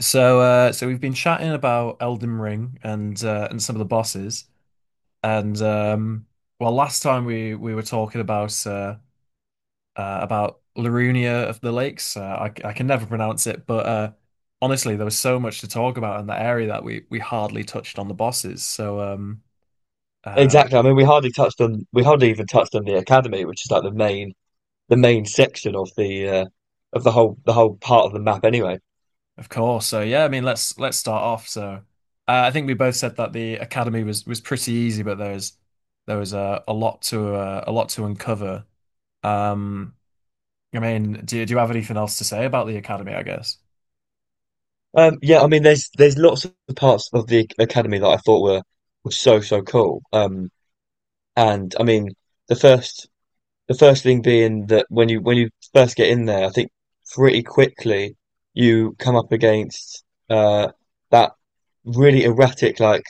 So we've been chatting about Elden Ring and some of the bosses, and well, last time we were talking about Larunia of the Lakes. I can never pronounce it, but honestly, there was so much to talk about in that area that we hardly touched on the bosses. Uh, Exactly. I mean, we hardly even touched on the academy, which is like the main section of the of the whole part of the map. Anyway, of course, so yeah, I mean, let's start off. I think we both said that the academy was pretty easy, but there was a lot to uncover. Um, I mean, do you have anything else to say about the Academy, I guess? Yeah. I mean, there's lots of parts of the academy that I thought were so cool. And I mean, the first the first thing being that when you first get in there, I think pretty quickly you come up against uh that really erratic, like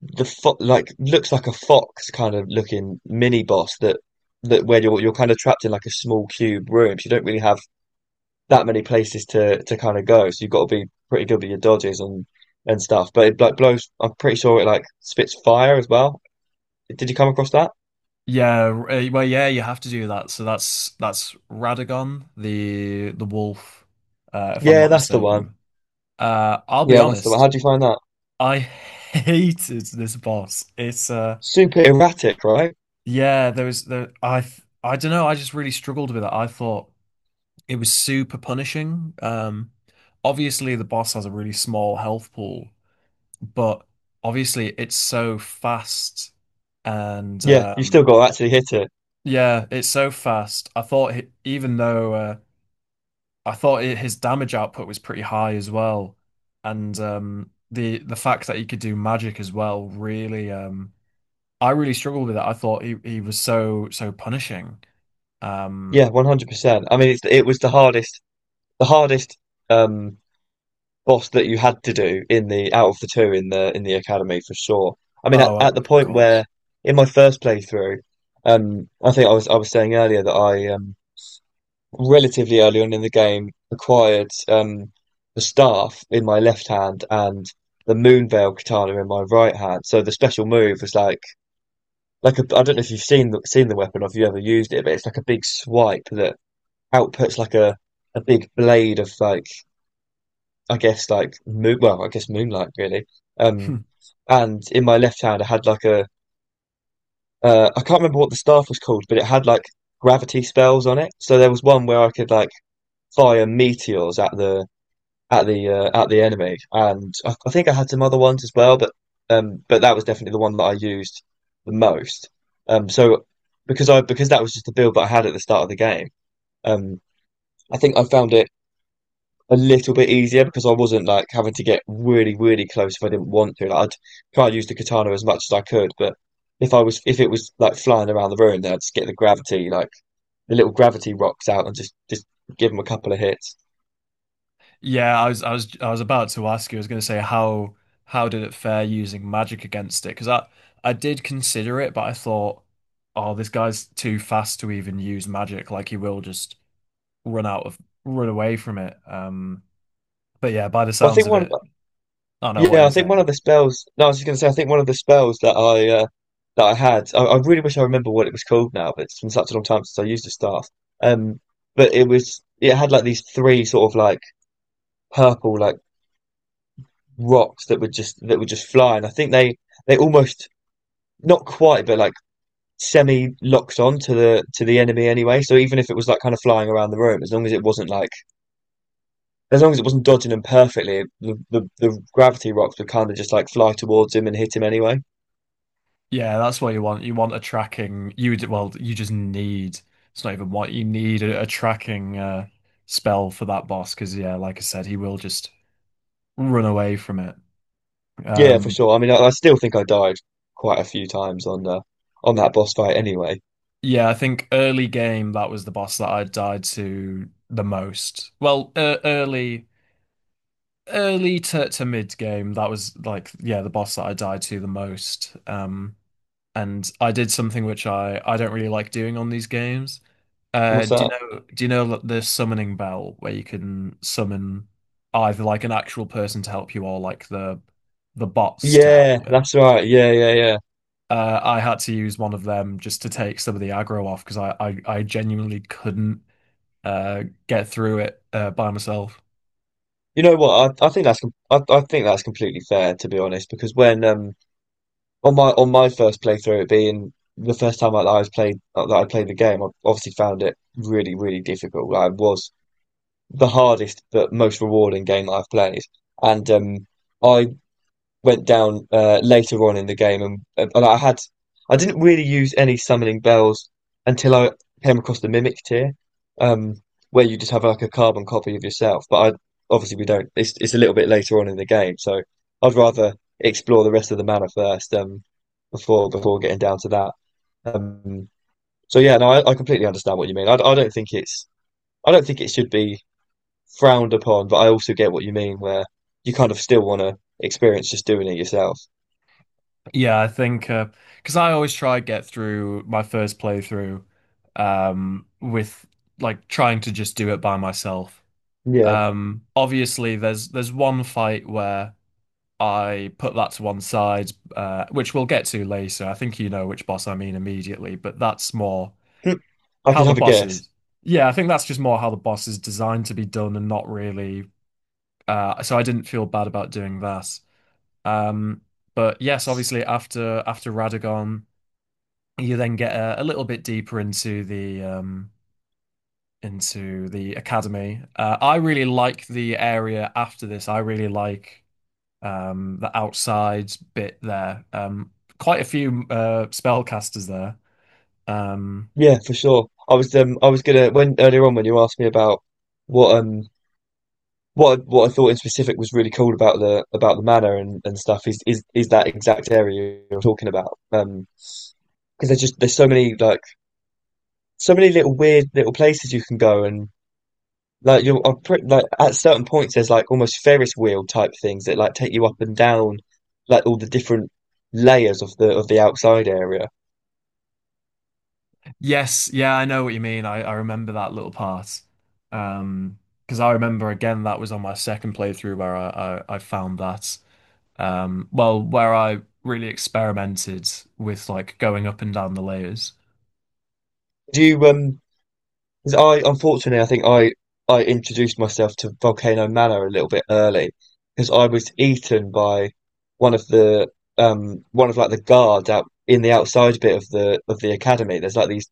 the fo like looks like a fox kind of looking mini boss that where you're kind of trapped in like a small cube room, so you don't really have that many places to kind of go. So you've got to be pretty good with your dodges and stuff. But it like blows. I'm pretty sure it like spits fire as well. Did you come across that? Yeah, well, yeah, you have to do that. So that's Radagon, the wolf, if I'm Yeah, not that's the one. mistaken. I'll be Yeah, that's the one. honest, How do you find that? I hated this boss. It's Super erratic, right? Yeah, there was the I don't know. I just really struggled with it. I thought it was super punishing. Obviously the boss has a really small health pool, but obviously it's so fast and Yeah, you still got to actually hit it. Yeah, it's so fast. I thought he, even though I thought it, his damage output was pretty high as well, and the fact that he could do magic as well really I really struggled with that. I thought he was so so punishing. Um, Yeah, 100%. I mean, it was the hardest um boss that you had to do in the out of the two in the academy for sure. I mean, oh, at the of point course. where in my first playthrough, I think I was saying earlier that I, relatively early on in the game, acquired, the staff in my left hand and the Moonveil katana in my right hand. So the special move was like a, I don't know if you've seen the weapon or if you ever used it, but it's like a big swipe that outputs like a big blade of like, I guess like moon, well, I guess moonlight really. Um, and in my left hand, I had like a I can't remember what the staff was called, but it had like gravity spells on it. So there was one where I could like fire meteors at the at the at the enemy, and I think I had some other ones as well, but that was definitely the one that I used the most. So because that was just the build that I had at the start of the game, um, I think I found it a little bit easier because I wasn't like having to get really, really close if I didn't want to. Like, I'd try to use the katana as much as I could, but if it was like flying around the room, then I'd just get the gravity, like the little gravity rocks out and just give them a couple of hits. Yeah, I was about to ask you. I was going to say how did it fare using magic against it? Because I did consider it, but I thought, oh, this guy's too fast to even use magic. Like he will just run out of run away from it. But yeah, by the Well, sounds of it, I don't know what yeah, you're I think one saying. of the spells. No, I was just gonna say, I think one of the spells that I had, I really wish I remember what it was called now, but it's been such a long time since I used the staff. Um, but it had like these three sort of like purple, like, rocks that were just flying. I think they almost, not quite, but like semi locked on to the enemy anyway. So even if it was like kind of flying around the room, as long as it wasn't dodging them perfectly, the gravity rocks would kind of just like fly towards him and hit him anyway. Yeah, that's what you want. You want a tracking. Well, you just need. It's not even what you need a tracking spell for that boss because yeah, like I said, he will just run away from it. Yeah, for Um, sure. I mean, I still think I died quite a few times on that boss fight anyway. yeah, I think early game that was the boss that I died to the most. Well, early to mid game that was like yeah the boss that I died to the most. And I did something which I don't really like doing on these games. What's that? Do you know the summoning bell where you can summon either like an actual person to help you or like the bots to help Yeah, you? that's right. Yeah, yeah, yeah. I had to use one of them just to take some of the aggro off because I genuinely couldn't get through it by myself. You know what? I think that's completely fair, to be honest. Because when on my first playthrough, it being the first time that I was played that I played the game, I obviously found it really, really difficult. Like, it was the hardest but most rewarding game that I've played, and I went down, later on in the game, and I had I didn't really use any summoning bells until I came across the mimic tier, um, where you just have like a carbon copy of yourself. But I, obviously, we don't. It's a little bit later on in the game, so I'd rather explore the rest of the mana first, before getting down to that. Um, so yeah, no, I completely understand what you mean. I don't think it's, I don't think it should be frowned upon, but I also get what you mean where you kind of still want to experience just doing it yourself. Yeah, I think 'cause because I always try get through my first playthrough with like trying to just do it by myself. Yeah. Obviously, there's one fight where I put that to one side, which we'll get to later. I think you know which boss I mean immediately, but that's more Hmm, I how could the have a boss guess. is. Yeah, I think that's just more how the boss is designed to be done and not really. So I didn't feel bad about doing that. Um, but yes, obviously after after Radagon, you then get a little bit deeper into the academy. I really like the area after this. I really like the outside bit there. Quite a few spellcasters there. Um, Yeah, for sure. I was gonna, when earlier on when you asked me about what um what I thought in specific was really cool about the manor and stuff, is that exact area you're talking about. Because there's just there's so many like so many little weird little places you can go. And like you're I'm pretty, like, at certain points there's like almost Ferris wheel type things that like take you up and down like all the different layers of the outside area. yes, yeah, I know what you mean. I remember that little part. Um, because I remember again that was on my second playthrough where I found that. Well, where I really experimented with like going up and down the layers. Do you um? 'Cause I, unfortunately, I introduced myself to Volcano Manor a little bit early because I was eaten by one of the, one of like the guards out in the outside bit of the academy. There's like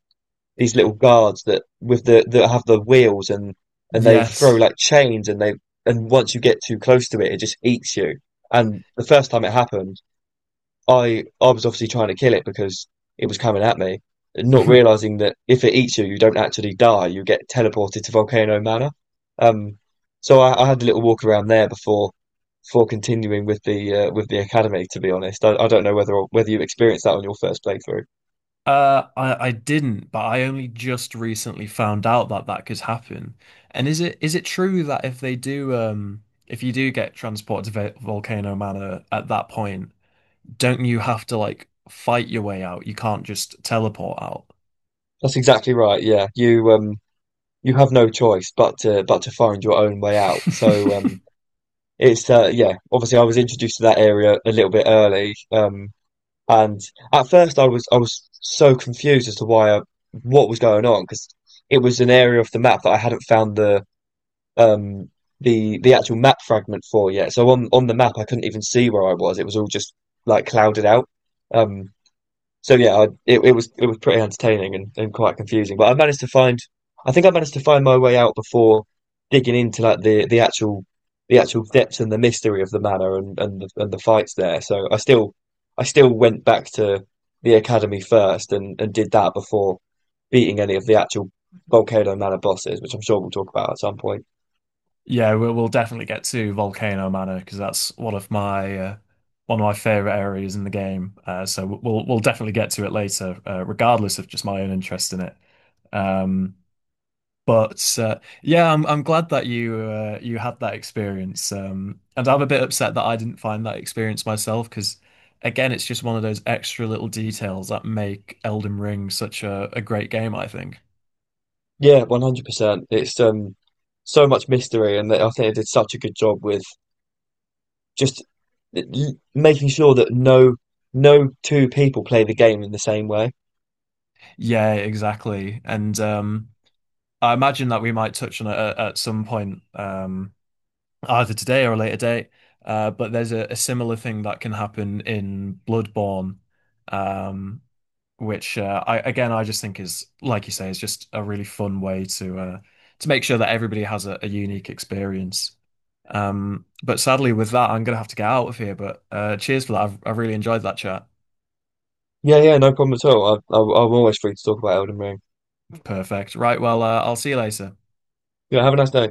these little guards that, that have the wheels and they throw Yes. like chains, and they, and once you get too close to it, it just eats you. And the first time it happened, I was obviously trying to kill it because it was coming at me, not realizing that if it eats you, you don't actually die. You get teleported to Volcano Manor. Um, so I had a little walk around there before, before continuing with the academy. To be honest, I don't know whether, whether you experienced that on your first playthrough. I didn't, but I only just recently found out that that could happen. And is it true that if they do, if you do get transported to Volcano Manor at that point, don't you have to like fight your way out? You can't just teleport out. That's exactly right. Yeah, you have no choice but to, but to find your own way out. So um. It's yeah, obviously I was introduced to that area a little bit early, and at first, I was so confused as to why what was going on, because it was an area of the map that I hadn't found um the actual map fragment for yet. So on the map, I couldn't even see where I was. It was all just like clouded out. Um, so yeah, it was, it was pretty entertaining and quite confusing. But I managed to find, I think I managed to find my way out before digging into like the actual, the actual depths and the mystery of the manor, and and the fights there. So I still, I still went back to the academy first, and did that before beating any of the actual Volcano Manor bosses, which I'm sure we'll talk about at some point. Yeah, we'll definitely get to Volcano Manor because that's one of my favorite areas in the game. So we'll definitely get to it later, regardless of just my own interest in it. Um, But yeah, I'm glad that you you had that experience. And I'm a bit upset that I didn't find that experience myself because, again, it's just one of those extra little details that make Elden Ring such a great game, I think. Yeah, 100%. It's so much mystery, and I think they did such a good job with just making sure that no, no two people play the game in the same way. Yeah, exactly. And I imagine that we might touch on it at some point. Either today or a later date. But there's a similar thing that can happen in Bloodborne, um, which I just think is like you say is just a really fun way to make sure that everybody has a unique experience. But sadly, with that, I'm gonna have to get out of here. But Cheers for that. I've really enjoyed that chat. Yeah, yeah, no problem at all. I'm always free to talk about Elden Ring. Perfect. Right. Well, I'll see you later. Yeah, have a nice day.